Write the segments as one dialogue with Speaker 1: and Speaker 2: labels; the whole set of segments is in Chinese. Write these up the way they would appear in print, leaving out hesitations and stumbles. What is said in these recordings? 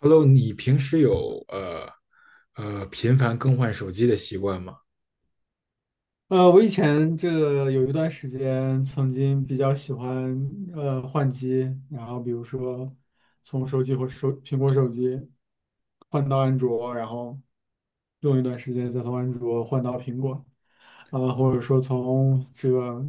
Speaker 1: Hello，你平时有频繁更换手机的习惯吗？
Speaker 2: 我以前这个有一段时间曾经比较喜欢换机，然后比如说从手机或手苹果手机换到安卓，然后用一段时间再从安卓换到苹果，啊、或者说从这个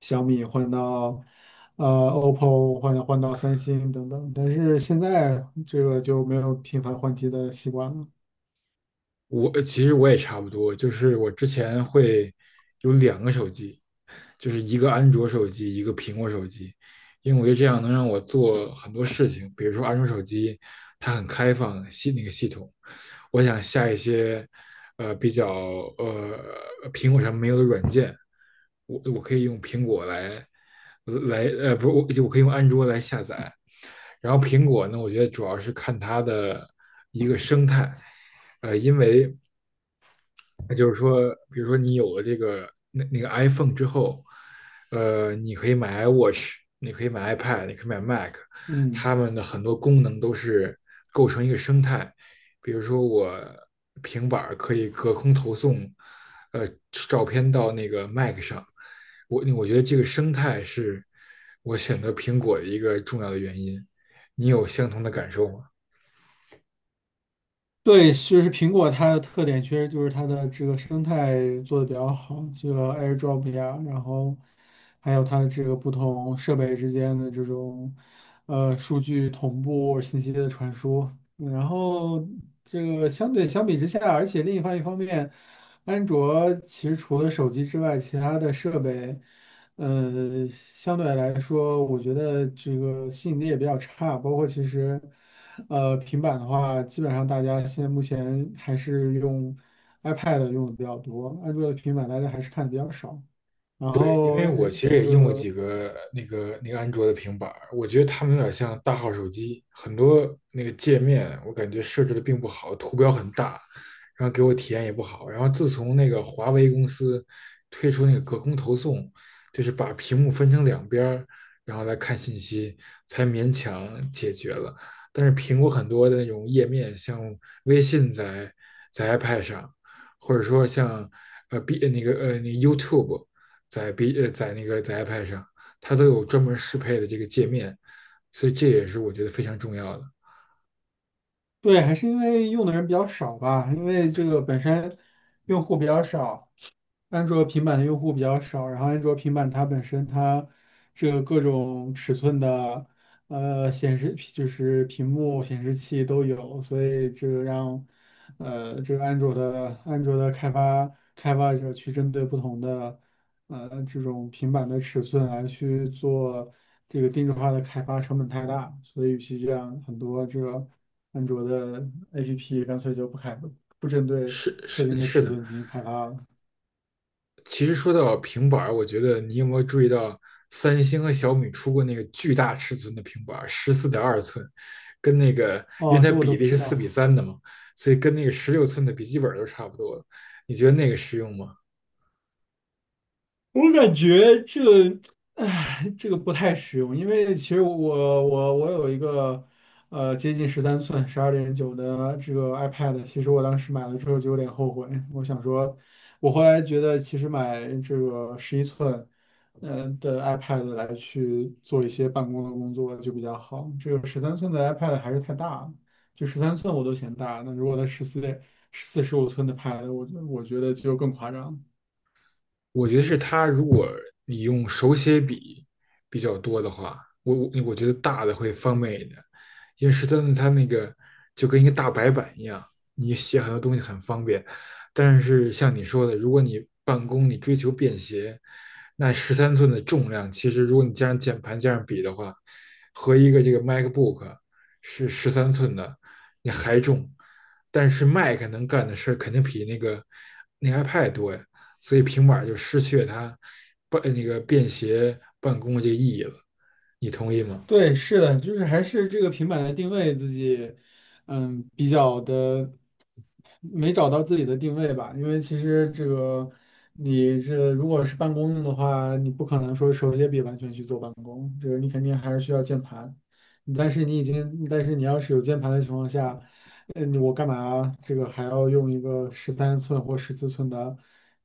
Speaker 2: 小米换到OPPO 换到三星等等，但是现在这个就没有频繁换机的习惯了。
Speaker 1: 其实我也差不多，就是我之前会有2个手机，就是一个安卓手机，一个苹果手机，因为我觉得这样能让我做很多事情，比如说安卓手机它很开放那个系统，我想下一些比较呃苹果上没有的软件，我可以用苹果来不是我可以用安卓来下载，然后苹果呢，我觉得主要是看它的一个生态。呃。那就是说，比如说你有了这个那个 iPhone 之后，你可以买 iWatch，你可以买 iPad，你可以买 Mac，它
Speaker 2: 嗯。
Speaker 1: 们的很多功能都是构成一个生态。比如说，我平板儿可以隔空投送，呃，照片到那个 Mac 上。我觉得这个生态是我选择苹果的一个重要的原因。你有相同的感受吗？
Speaker 2: 对，就是苹果它的特点确实就是它的这个生态做的比较好，这个 AirDrop 呀，然后还有它的这个不同设备之间的这种数据同步、信息的传输，嗯然后这个相比之下，而且另一方面，安卓其实除了手机之外，其他的设备。嗯，相对来说，我觉得这个吸引力也比较差。包括其实，平板的话，基本上大家现在目前还是用 iPad 用的比较多，安卓的平板大家还是看的比较少。然
Speaker 1: 对，因
Speaker 2: 后，
Speaker 1: 为我其实也用过几个那个安卓的平板儿，我觉得他们有点像大号手机，很多那个界面我感觉设置的并不好，图标很大，然后给我体验也不好。然后自从那个华为公司推出那个隔空投送，就是把屏幕分成两边儿，然后来看信息，才勉强解决了。但是苹果很多的那种页面，像微信在 iPad 上，或者说像呃 B 呃那个呃那个 YouTube。在 B 呃在那个在 iPad 上，它都有专门适配的这个界面，所以这也是我觉得非常重要的。
Speaker 2: 对，还是因为用的人比较少吧，因为这个本身用户比较少。安卓平板的用户比较少，然后安卓平板它本身它这个各种尺寸的显示就是屏幕显示器都有，所以这个让安卓的开发者去针对不同的这种平板的尺寸来去做这个定制化的开发，成本太大，所以与其这样，很多这个安卓的 APP 干脆就不开不针对
Speaker 1: 是
Speaker 2: 特
Speaker 1: 是
Speaker 2: 定的
Speaker 1: 是
Speaker 2: 尺
Speaker 1: 的，
Speaker 2: 寸进行开发了。
Speaker 1: 其实说到平板我觉得你有没有注意到，三星和小米出过那个巨大尺寸的平板儿，14.2寸，跟那个因为
Speaker 2: 哦，这
Speaker 1: 它
Speaker 2: 我都
Speaker 1: 比
Speaker 2: 不
Speaker 1: 例是
Speaker 2: 知
Speaker 1: 四
Speaker 2: 道。
Speaker 1: 比三的嘛，所以跟那个16寸的笔记本都差不多了。你觉得那个实用吗？
Speaker 2: 我感觉这个，唉，这个不太实用，因为其实我我有一个接近13寸12.9的这个 iPad,其实我当时买了之后就有点后悔，我想说，我后来觉得其实买这个11寸的 iPad 来去做一些办公的工作就比较好，这个十三寸的 iPad 还是太大了，就十三寸我都嫌大，那如果它14 15寸的 Pad,我觉得就更夸张。
Speaker 1: 我觉得是它，如果你用手写笔比较多的话，我觉得大的会方便一点，因为十三寸它那个就跟一个大白板一样，你写很多东西很方便。但是像你说的，如果你办公你追求便携，那十三寸的重量其实如果你加上键盘加上笔的话，和一个这个 MacBook 是13寸的，你还重，但是 Mac 能干的事儿肯定比那个iPad 多呀。所以平板就失去了它那个便携办公的这个意义了。你同意吗？
Speaker 2: 对，是的，就是还是这个平板的定位自己，嗯，比较的。没找到自己的定位吧，因为其实这个你这如果是办公用的话，你不可能说手写笔完全去做办公，这个你肯定还是需要键盘。但是你已经，但是你要是有键盘的情况下，呃，你我干嘛这个还要用一个13寸或14寸的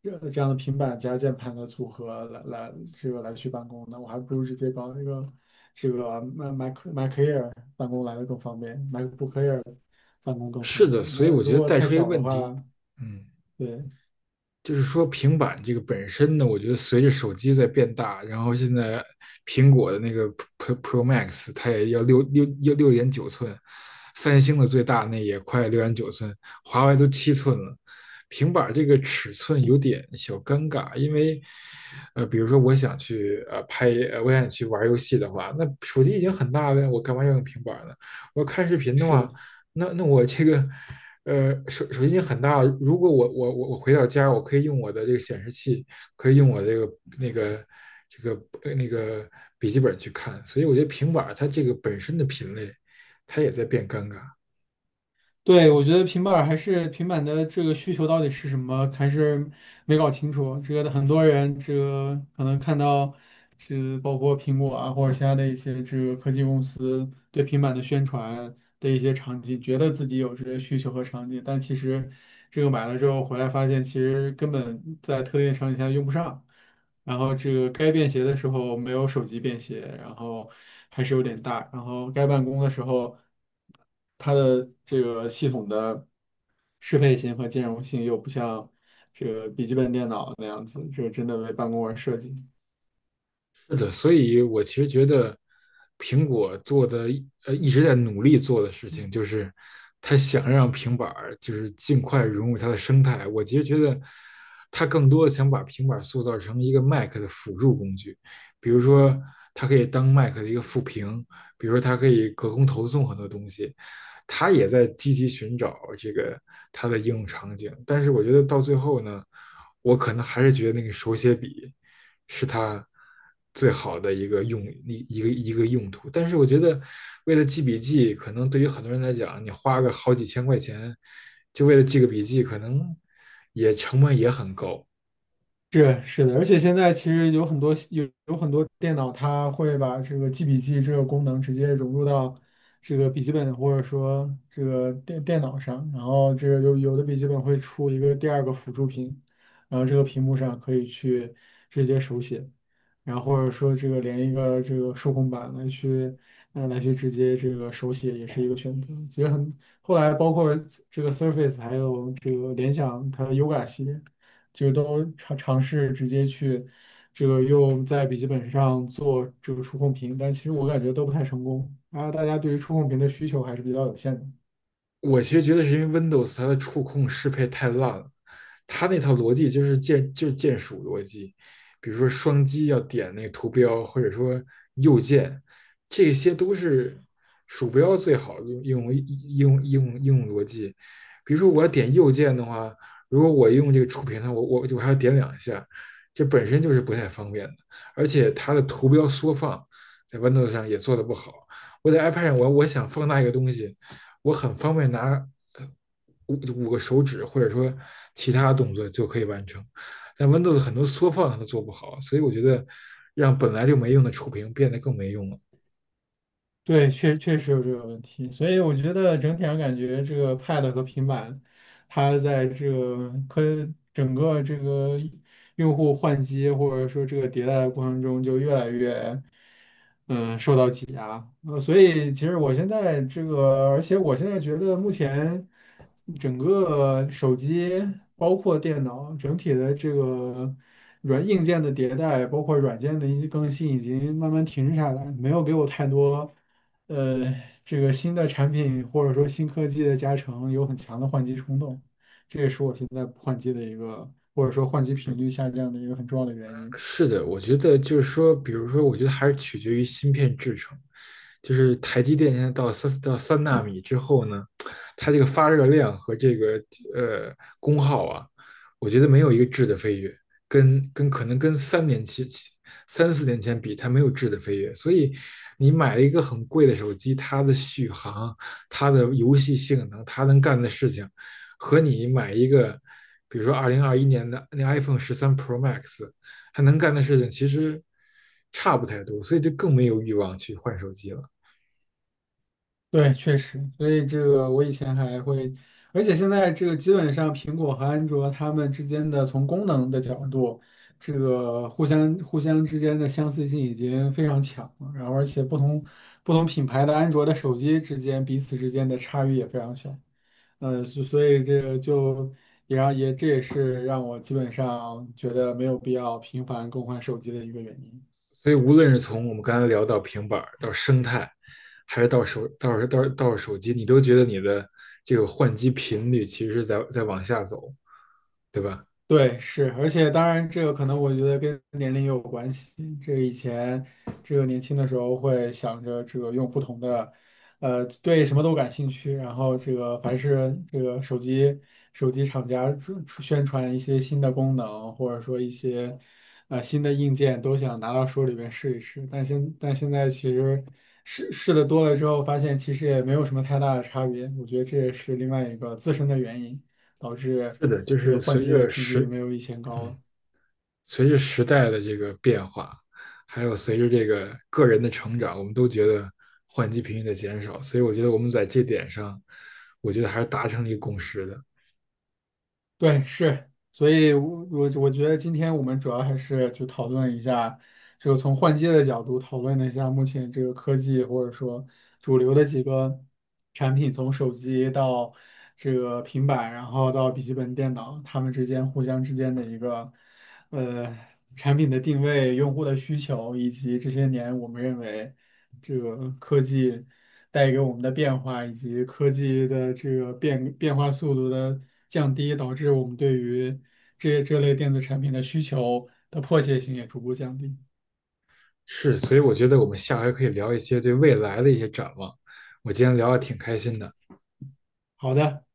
Speaker 2: 这样的平板加键盘的组合来来这个来去办公呢？我还不如直接搞一个这个 Mac Air 办公来的更方便，MacBook Air 办公更
Speaker 1: 是
Speaker 2: 方
Speaker 1: 的，
Speaker 2: 便。
Speaker 1: 所以
Speaker 2: 那
Speaker 1: 我
Speaker 2: 如
Speaker 1: 觉得
Speaker 2: 果
Speaker 1: 带
Speaker 2: 太
Speaker 1: 出一个
Speaker 2: 小的
Speaker 1: 问
Speaker 2: 话，
Speaker 1: 题，嗯。
Speaker 2: 对，
Speaker 1: 就是说平板这个本身呢，我觉得随着手机在变大，然后现在苹果的那个 Pro Max 它也要六点九寸，三星的最大那也快六点九寸，华为都7寸了。平板这个尺寸有点小尴尬，因为，比如说我想去拍，我想去玩游戏的话，那手机已经很大了，我干嘛要用平板呢？我看视频的
Speaker 2: 是
Speaker 1: 话，
Speaker 2: 的，
Speaker 1: 那我这个手机已经很大了。如果我回到家，我可以用我的这个显示器，可以用我那个这个笔记本去看。所以我觉得平板儿它这个本身的品类，它也在变尴尬。
Speaker 2: 对，我觉得平板儿还是平板的这个需求到底是什么，还是没搞清楚。这个很多人，这个可能看到，是包括苹果啊或者其他的一些这个科技公司对平板的宣传的一些场景，觉得自己有这些需求和场景，但其实这个买了之后回来发现，其实根本在特定场景下用不上。然后这个该便携的时候没有手机便携，然后还是有点大，然后该办公的时候，它的这个系统的适配性和兼容性又不像这个笔记本电脑那样子，这个真的为办公而设计。
Speaker 1: 是的，所以我其实觉得苹果做的一直在努力做的事情，就是他想让平板儿就是尽快融入它的生态。我其实觉得他更多的想把平板儿塑造成一个 Mac 的辅助工具，比如说它可以当 Mac 的一个副屏，比如说它可以隔空投送很多东西，他也在积极寻找这个它的应用场景。但是我觉得到最后呢，我可能还是觉得那个手写笔。是它最好的一个用一一个一个用途。但是我觉得，为了记笔记，可能对于很多人来讲，你花个好几千块钱，就为了记个笔记，可能也成本也很高。
Speaker 2: 是是的，而且现在其实有有很多电脑，它会把这个记笔记这个功能直接融入到这个笔记本或者说这个电脑上，然后这个有的笔记本会出一个第二个辅助屏，然后这个屏幕上可以去直接手写，然后或者说这个连一个这个数控板来去直接这个手写也是一个选择。其实很后来包括这个 Surface 还有这个联想它的 Yoga 系列。就都尝试直接去这个用在笔记本上做这个触控屏，但其实我感觉都不太成功啊。然后大家对于触控屏的需求还是比较有限的。
Speaker 1: 我其实觉得是因为 Windows 它的触控适配太烂了，它那套逻辑就是键鼠逻辑，比如说双击要点那个图标，或者说右键，这些都是鼠标最好的应用逻辑。比如说我要点右键的话，如果我用这个触屏的，我还要点2下，这本身就是不太方便的，而且它的图标缩放在 Windows 上也做的不好。我在 iPad 上我想放大一个东西。我很方便拿呃五五个手指或者说其他动作就可以完成。但 Windows 很多缩放它都做不好，所以我觉得让本来就没用的触屏变得更没用了。
Speaker 2: 对，确实有这个问题，所以我觉得整体上感觉这个 Pad 和平板，它在这个整个这个用户换机或者说这个迭代的过程中，就越来越，所以其实我现在这个，而且我现在觉得目前整个手机包括电脑整体的这个软硬件的迭代，包括软件的一些更新，已经慢慢停滞下来，没有给我太多呃这个新的产品或者说新科技的加成有很强的换机冲动，这也是我现在不换机的一个或者说换机频率下降的一个很重要的原因。
Speaker 1: 是的，我觉得就是说，比如说，我觉得还是取决于芯片制成。就是台积电现在到3纳米之后呢，它这个发热量和这个呃功耗啊，我觉得没有一个质的飞跃，可能跟3年前三四年前比，它没有质的飞跃。所以你买了一个很贵的手机，它的续航、它的游戏性能、它能干的事情，和你买一个。比如说，2021年的那 iPhone 13 Pro Max，他能干的事情其实差不太多，所以就更没有欲望去换手机了。
Speaker 2: 对，确实，所以这个我以前还会，而且现在这个基本上苹果和安卓它们之间的从功能的角度，这个互相之间的相似性已经非常强了，然后而且不同品牌的安卓的手机之间彼此之间的差异也非常小，所以这个就也这也是让我基本上觉得没有必要频繁更换手机的一个原因。
Speaker 1: 所以无论是从我们刚才聊到平板到生态，还是到手到到到手机，你都觉得你的这个换机频率其实是在往下走，对吧？
Speaker 2: 对，是，而且当然，这个可能我觉得跟年龄也有关系。这个以前，这个年轻的时候会想着这个用不同的，呃，对什么都感兴趣，然后这个凡是这个手机厂家出宣传一些新的功能，或者说一些新的硬件，都想拿到手里边试一试。但现在其实试试的多了之后，发现其实也没有什么太大的差别。我觉得这也是另外一个自身的原因。导致
Speaker 1: 是的，就
Speaker 2: 这
Speaker 1: 是
Speaker 2: 个换机的频率没有以前高
Speaker 1: 嗯
Speaker 2: 了。
Speaker 1: 随着时代的这个变化，还有随着这个个人的成长，我们都觉得换机频率的减少。所以我觉得我们在这点上，我觉得还是达成了一个共识的。
Speaker 2: 对，是，所以我我觉得今天我们主要还是就讨论一下，就从换机的角度讨论了一下目前这个科技或者说主流的几个产品，从手机到这个平板，然后到笔记本电脑，它们之间互相之间的一个。呃，产品的定位、用户的需求，以及这些年我们认为这个科技带给我们的变化，以及科技的这个变化速度的降低，导致我们对于这类电子产品的需求的迫切性也逐步降低。
Speaker 1: 是，所以我觉得我们下回可以聊一些对未来的一些展望。我今天聊的挺开心的。
Speaker 2: 好的。